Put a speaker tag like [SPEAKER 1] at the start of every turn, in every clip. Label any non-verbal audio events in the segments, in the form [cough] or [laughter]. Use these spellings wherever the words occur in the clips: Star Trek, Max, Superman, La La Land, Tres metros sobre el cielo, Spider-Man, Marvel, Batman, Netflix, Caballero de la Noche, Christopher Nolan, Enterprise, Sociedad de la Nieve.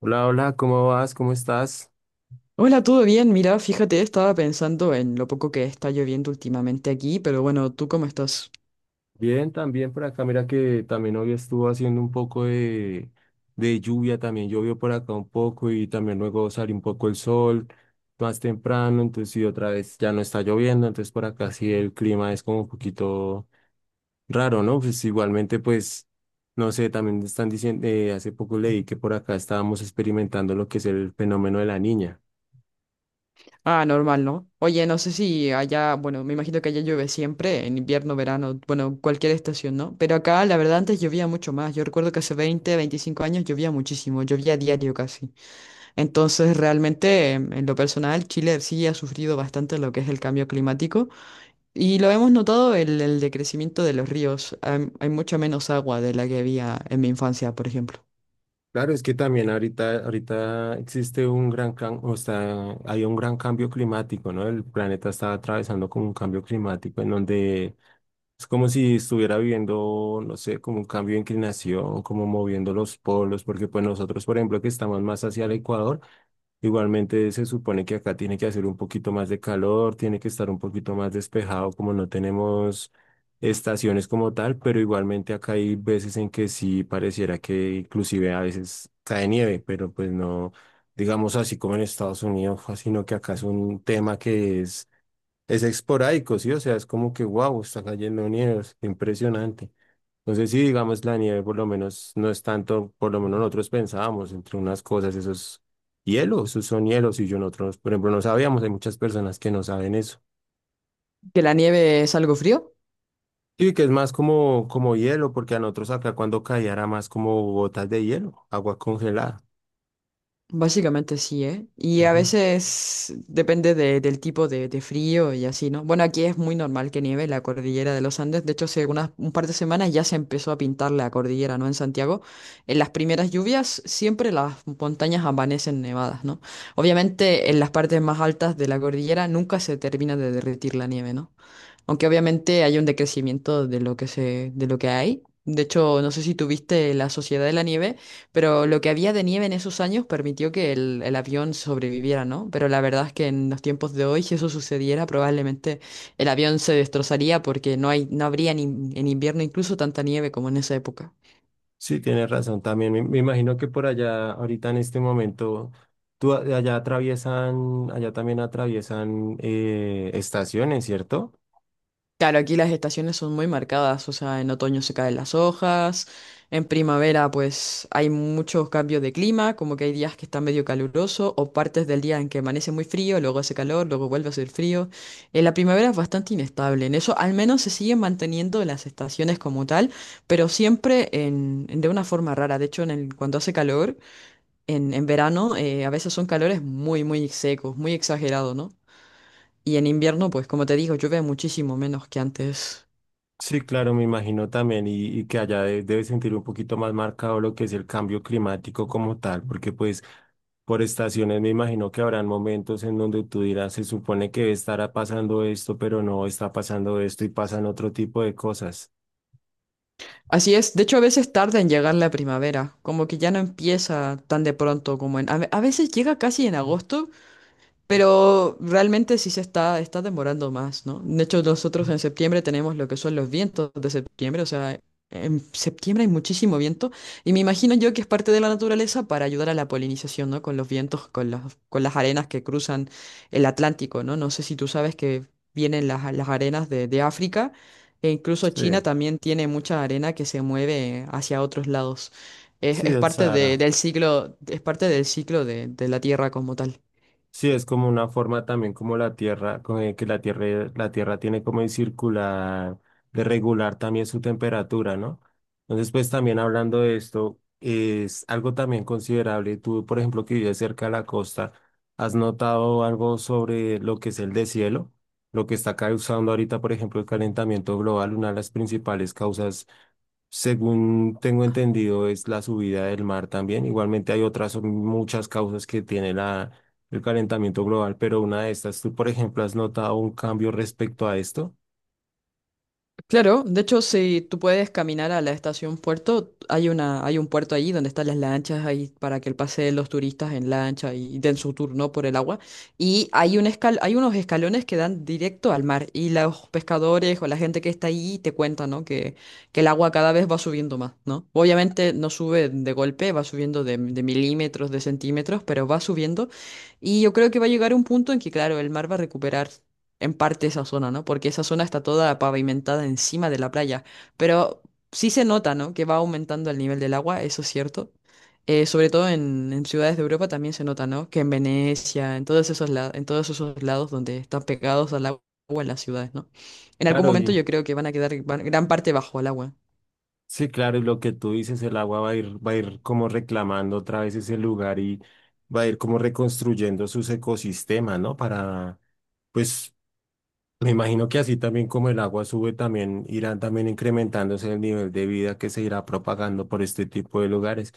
[SPEAKER 1] Hola, hola, ¿cómo vas? ¿Cómo estás?
[SPEAKER 2] Hola, ¿todo bien? Mira, fíjate, estaba pensando en lo poco que está lloviendo últimamente aquí, pero bueno, ¿tú cómo estás?
[SPEAKER 1] Bien, también por acá. Mira que también hoy estuvo haciendo un poco de lluvia, también llovió por acá un poco y también luego salió un poco el sol más temprano, entonces y otra vez ya no está lloviendo, entonces por acá sí el clima es como un poquito raro, ¿no? Pues igualmente pues, no sé, también están diciendo, hace poco leí que por acá estábamos experimentando lo que es el fenómeno de la niña.
[SPEAKER 2] Ah, normal, ¿no? Oye, no sé si allá, bueno, me imagino que allá llueve siempre, en invierno, verano, bueno, cualquier estación, ¿no? Pero acá, la verdad, antes llovía mucho más. Yo recuerdo que hace 20, 25 años llovía muchísimo, llovía diario casi. Entonces, realmente, en lo personal, Chile sí ha sufrido bastante lo que es el cambio climático. Y lo hemos notado el decrecimiento de los ríos. Hay mucha menos agua de la que había en mi infancia, por ejemplo.
[SPEAKER 1] Claro, es que también ahorita existe un o sea, hay un gran cambio climático, ¿no? El planeta está atravesando como un cambio climático en donde es como si estuviera viviendo, no sé, como un cambio de inclinación, como moviendo los polos, porque pues nosotros, por ejemplo, que estamos más hacia el Ecuador, igualmente se supone que acá tiene que hacer un poquito más de calor, tiene que estar un poquito más despejado, como no tenemos estaciones como tal, pero igualmente acá hay veces en que sí pareciera que inclusive a veces cae nieve, pero pues no, digamos así como en Estados Unidos, fue, sino que acá es un tema que es esporádico, ¿sí? O sea, es como que, wow, está cayendo nieve, es impresionante. Entonces, sí, digamos, la nieve por lo menos no es tanto, por lo menos nosotros pensábamos entre unas cosas, esos hielos, esos son hielos y yo nosotros, por ejemplo, no sabíamos, hay muchas personas que no saben eso.
[SPEAKER 2] Que la nieve es algo frío,
[SPEAKER 1] Sí, que es más como hielo, porque a nosotros acá cuando caía era más como gotas de hielo, agua congelada.
[SPEAKER 2] básicamente sí, ¿eh? Y a
[SPEAKER 1] Ujú.
[SPEAKER 2] veces depende del tipo de frío y así, ¿no? Bueno, aquí es muy normal que nieve en la cordillera de los Andes. De hecho, hace unas, un par de semanas ya se empezó a pintar la cordillera, ¿no? En Santiago. En las primeras lluvias siempre las montañas amanecen nevadas, ¿no? Obviamente en las partes más altas de la cordillera nunca se termina de derretir la nieve, ¿no? Aunque obviamente hay un decrecimiento de lo que se, de lo que hay. De hecho, no sé si tuviste la Sociedad de la Nieve, pero lo que había de nieve en esos años permitió que el avión sobreviviera, ¿no? Pero la verdad es que en los tiempos de hoy, si eso sucediera, probablemente el avión se destrozaría porque no hay, no habría en en invierno incluso tanta nieve como en esa época.
[SPEAKER 1] Sí, tienes razón también. Me imagino que por allá, ahorita en este momento, tú, allá atraviesan, allá también atraviesan estaciones, ¿cierto?
[SPEAKER 2] Claro, aquí las estaciones son muy marcadas, o sea, en otoño se caen las hojas, en primavera pues hay muchos cambios de clima, como que hay días que está medio caluroso o partes del día en que amanece muy frío, luego hace calor, luego vuelve a hacer frío. En la primavera es bastante inestable, en eso al menos se siguen manteniendo las estaciones como tal, pero siempre en, de una forma rara. De hecho, cuando hace calor, en verano a veces son calores muy, muy secos, muy exagerados, ¿no? Y en invierno, pues como te digo, llueve muchísimo menos que antes.
[SPEAKER 1] Sí, claro, me imagino también, y que allá debe sentir un poquito más marcado lo que es el cambio climático como tal, porque pues por estaciones me imagino que habrán momentos en donde tú dirás, se supone que estará pasando esto, pero no está pasando esto y pasan otro tipo de cosas.
[SPEAKER 2] Así es, de hecho a veces tarda en llegar la primavera, como que ya no empieza tan de pronto como en... A veces llega casi en agosto, pero realmente sí está demorando más, ¿no? De hecho, nosotros en septiembre tenemos lo que son los vientos de septiembre, o sea, en septiembre hay muchísimo viento y me imagino yo que es parte de la naturaleza para ayudar a la polinización, ¿no? Con los vientos, con con las arenas que cruzan el Atlántico, ¿no? No sé si tú sabes que vienen las arenas de África e incluso
[SPEAKER 1] Sí.
[SPEAKER 2] China también tiene mucha arena que se mueve hacia otros lados. Es,
[SPEAKER 1] Sí,
[SPEAKER 2] es
[SPEAKER 1] del
[SPEAKER 2] parte
[SPEAKER 1] Sahara.
[SPEAKER 2] del ciclo, es parte del ciclo de la Tierra como tal.
[SPEAKER 1] Sí, es como una forma también como la Tierra, con el que la Tierra tiene como de circular, de regular también su temperatura, ¿no? Entonces, pues también hablando de esto, es algo también considerable. Tú, por ejemplo, que vives cerca de la costa, ¿has notado algo sobre lo que es el deshielo? Lo que está causando ahorita, por ejemplo, el calentamiento global, una de las principales causas según tengo entendido, es la subida del mar también. Igualmente hay otras muchas causas que tiene el calentamiento global, pero una de estas, ¿tú, por ejemplo, has notado un cambio respecto a esto?
[SPEAKER 2] Claro, de hecho, si tú puedes caminar a la estación puerto, hay una, hay un puerto ahí donde están las lanchas ahí para que pasen los turistas en lancha y den su turno por el agua. Y hay unos escalones que dan directo al mar y los pescadores o la gente que está ahí te cuentan, ¿no? Que el agua cada vez va subiendo más, ¿no? Obviamente no sube de golpe, va subiendo de milímetros, de centímetros, pero va subiendo. Y yo creo que va a llegar un punto en que, claro, el mar va a recuperar en parte esa zona, ¿no? Porque esa zona está toda pavimentada encima de la playa, pero sí se nota, ¿no? Que va aumentando el nivel del agua, eso es cierto. Sobre todo en ciudades de Europa también se nota, ¿no? Que en Venecia, en todos esos lados, en todos esos lados donde están pegados al agua en las ciudades, ¿no? En algún
[SPEAKER 1] Claro,
[SPEAKER 2] momento
[SPEAKER 1] y
[SPEAKER 2] yo creo que van a quedar van- gran parte bajo el agua.
[SPEAKER 1] sí, claro, y lo que tú dices, el agua va a ir como reclamando otra vez ese lugar y va a ir como reconstruyendo sus ecosistemas, ¿no? Para, pues, me imagino que así también como el agua sube, también irán también incrementándose el nivel de vida que se irá propagando por este tipo de lugares.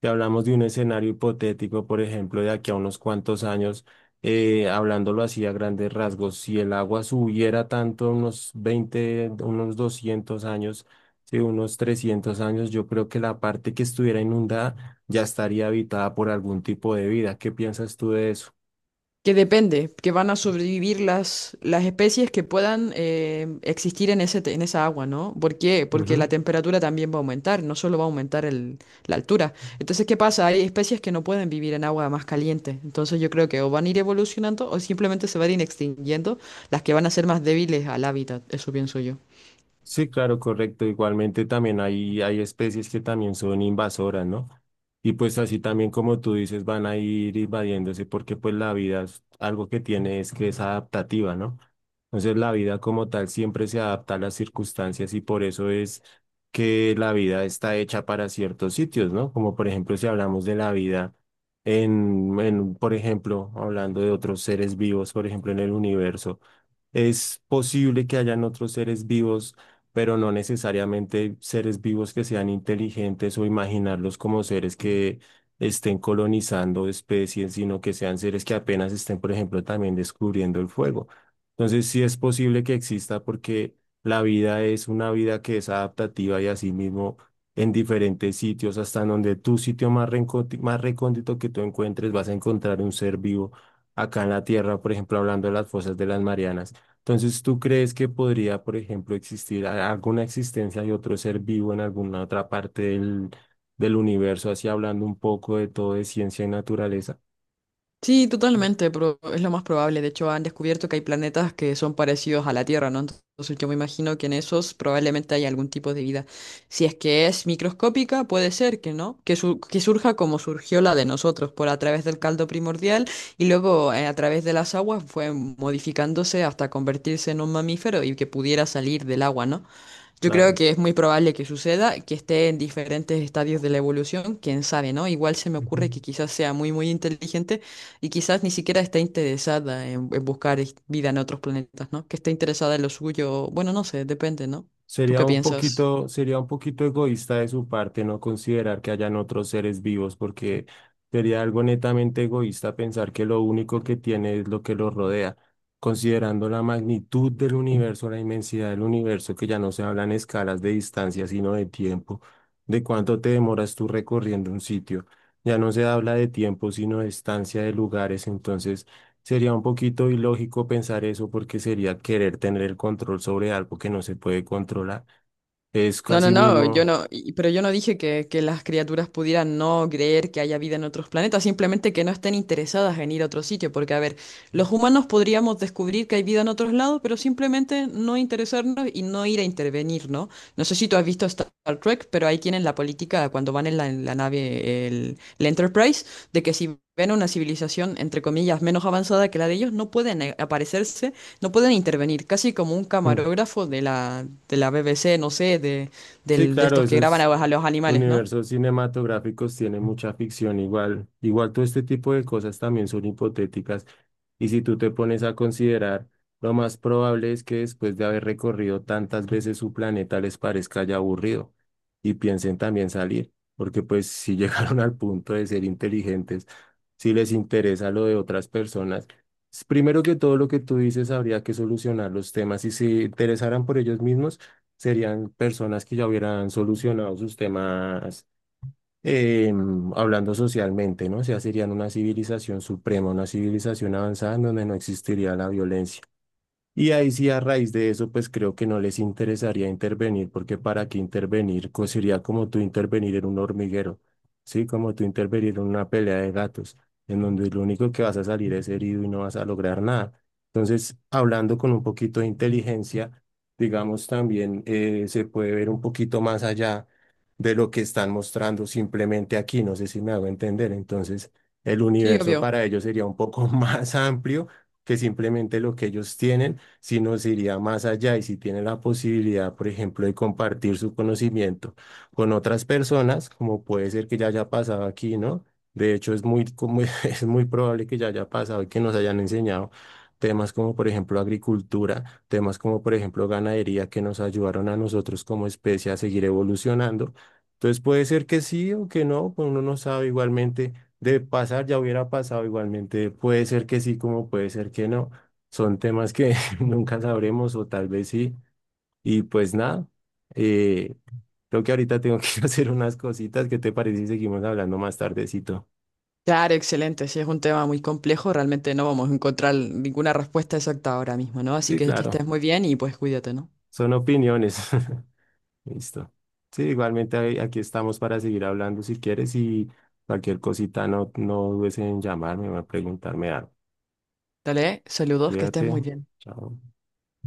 [SPEAKER 1] Si hablamos de un escenario hipotético, por ejemplo, de aquí a unos cuantos años, hablándolo así a grandes rasgos, si el agua subiera tanto, unos 20, unos 200 años, sí, unos 300 años, yo creo que la parte que estuviera inundada ya estaría habitada por algún tipo de vida. ¿Qué piensas tú de eso?
[SPEAKER 2] Que depende, que van a sobrevivir las especies que puedan existir en en esa agua, ¿no? ¿Por qué? Porque
[SPEAKER 1] Ujú.
[SPEAKER 2] la temperatura también va a aumentar, no solo va a aumentar la altura. Entonces, ¿qué pasa? Hay especies que no pueden vivir en agua más caliente. Entonces, yo creo que o van a ir evolucionando o simplemente se van a ir extinguiendo las que van a ser más débiles al hábitat, eso pienso yo.
[SPEAKER 1] Sí, claro, correcto. Igualmente también hay especies que también son invasoras, ¿no? Y pues así también como tú dices, van a ir invadiéndose porque pues la algo que tiene es que es adaptativa, ¿no? Entonces la vida como tal siempre se adapta a las circunstancias y por eso es que la vida está hecha para ciertos sitios, ¿no? Como por ejemplo si hablamos de la vida por ejemplo, hablando de otros seres vivos, por ejemplo, en el universo. Es posible que hayan otros seres vivos, pero no necesariamente seres vivos que sean inteligentes o imaginarlos como seres que estén colonizando especies, sino que sean seres que apenas estén, por ejemplo, también descubriendo el fuego. Entonces, sí es posible que exista porque la vida es una vida que es adaptativa y asimismo en diferentes sitios, hasta en donde tu sitio más más recóndito que tú encuentres, vas a encontrar un ser vivo. Acá en la Tierra, por ejemplo, hablando de las fosas de las Marianas. Entonces, ¿tú crees que podría, por ejemplo, alguna existencia de otro ser vivo en alguna otra parte del universo, así hablando un poco de todo de ciencia y naturaleza?
[SPEAKER 2] Sí, totalmente, pero es lo más probable. De hecho, han descubierto que hay planetas que son parecidos a la Tierra, ¿no? Entonces, yo me imagino que en esos probablemente hay algún tipo de vida. Si es que es microscópica, puede ser que no, que surja como surgió la de nosotros, por a través del caldo primordial y luego a través de las aguas fue modificándose hasta convertirse en un mamífero y que pudiera salir del agua, ¿no? Yo creo
[SPEAKER 1] Claro.
[SPEAKER 2] que es muy probable que suceda, que esté en diferentes estadios de la evolución, quién sabe, ¿no? Igual se me ocurre que quizás sea muy, muy inteligente y quizás ni siquiera esté interesada en, en buscar vida en otros planetas, ¿no? Que esté interesada en lo suyo, bueno, no sé, depende, ¿no? ¿Tú qué piensas?
[SPEAKER 1] Sería un poquito egoísta de su parte no considerar que hayan otros seres vivos, porque sería algo netamente egoísta pensar que lo único que tiene es lo que lo rodea, considerando la magnitud del universo, la inmensidad del universo, que ya no se hablan escalas de distancia, sino de tiempo, de cuánto te demoras tú recorriendo un sitio. Ya no se habla de tiempo, sino de distancia de lugares, entonces sería un poquito ilógico pensar eso porque sería querer tener el control sobre algo que no se puede controlar. Es
[SPEAKER 2] No, no,
[SPEAKER 1] casi
[SPEAKER 2] no, yo
[SPEAKER 1] mismo.
[SPEAKER 2] no,
[SPEAKER 1] [laughs]
[SPEAKER 2] y- pero yo no dije que las criaturas pudieran no creer que haya vida en otros planetas, simplemente que no estén interesadas en ir a otro sitio, porque a ver, los humanos podríamos descubrir que hay vida en otros lados, pero simplemente no interesarnos y no ir a intervenir, ¿no? No sé si tú has visto Star Trek, pero ahí tienen la política cuando van en en la nave, el Enterprise, de que si ven una civilización, entre comillas, menos avanzada que la de ellos, no pueden aparecerse, no pueden intervenir, casi como un
[SPEAKER 1] Mm.
[SPEAKER 2] camarógrafo de de la BBC, no sé,
[SPEAKER 1] Sí,
[SPEAKER 2] de
[SPEAKER 1] claro,
[SPEAKER 2] estos que graban
[SPEAKER 1] esos
[SPEAKER 2] a los animales, ¿no?
[SPEAKER 1] universos cinematográficos tienen mucha ficción igual. Igual todo este tipo de cosas también son hipotéticas. Y si tú te pones a considerar, lo más probable es que después de haber recorrido tantas veces su planeta les parezca ya aburrido y piensen también salir, porque pues si [laughs] llegaron al punto de ser inteligentes, si les interesa lo de otras personas, primero que todo lo que tú dices habría que solucionar los temas y si interesaran por ellos mismos, serían personas que ya hubieran solucionado sus temas eh, hablando socialmente, ¿no? O sea, serían una civilización suprema, una civilización avanzada en donde no existiría la violencia. Y ahí sí, a raíz de eso, pues creo que no les interesaría intervenir, porque para qué intervenir, sería como tú intervenir en un hormiguero, ¿sí? Como tú intervenir en una pelea de gatos, en donde lo único que vas a salir es herido y no vas a lograr nada. Entonces, hablando con un poquito de inteligencia, digamos, también se puede ver un poquito más allá de lo que están mostrando simplemente aquí, no sé si me hago entender. Entonces, el
[SPEAKER 2] Sí,
[SPEAKER 1] universo
[SPEAKER 2] obvio.
[SPEAKER 1] para ellos sería un poco [laughs] más amplio que simplemente lo que ellos tienen si nos iría más allá y si tiene la posibilidad, por ejemplo, de compartir su conocimiento con otras personas, como puede ser que ya haya pasado aquí, ¿no? De hecho, es muy, como, [laughs] es muy probable que ya haya pasado y que nos hayan enseñado temas como, por ejemplo, agricultura, temas como, por ejemplo, ganadería, que nos ayudaron a nosotros como especie a seguir evolucionando. Entonces puede ser que sí o que no, pues uno no sabe igualmente de pasar, ya hubiera pasado igualmente, puede ser que sí como puede ser que no. Son temas que [laughs] nunca sabremos, o tal vez sí. Y pues nada, eh, creo que ahorita tengo que [laughs] ir a hacer unas cositas. ¿Qué te parece si seguimos hablando más tardecito?
[SPEAKER 2] Claro, excelente. Sí, es un tema muy complejo. Realmente no vamos a encontrar ninguna respuesta exacta ahora mismo, ¿no? Así
[SPEAKER 1] Sí,
[SPEAKER 2] que estés
[SPEAKER 1] claro,
[SPEAKER 2] muy bien y pues cuídate, ¿no?
[SPEAKER 1] son opiniones. [laughs] Listo. Sí, igualmente aquí estamos para seguir hablando si quieres y cualquier cosita no dudes en llamarme o en preguntarme algo.
[SPEAKER 2] Dale, saludos, que estés
[SPEAKER 1] Cuídate.
[SPEAKER 2] muy bien.
[SPEAKER 1] Chao.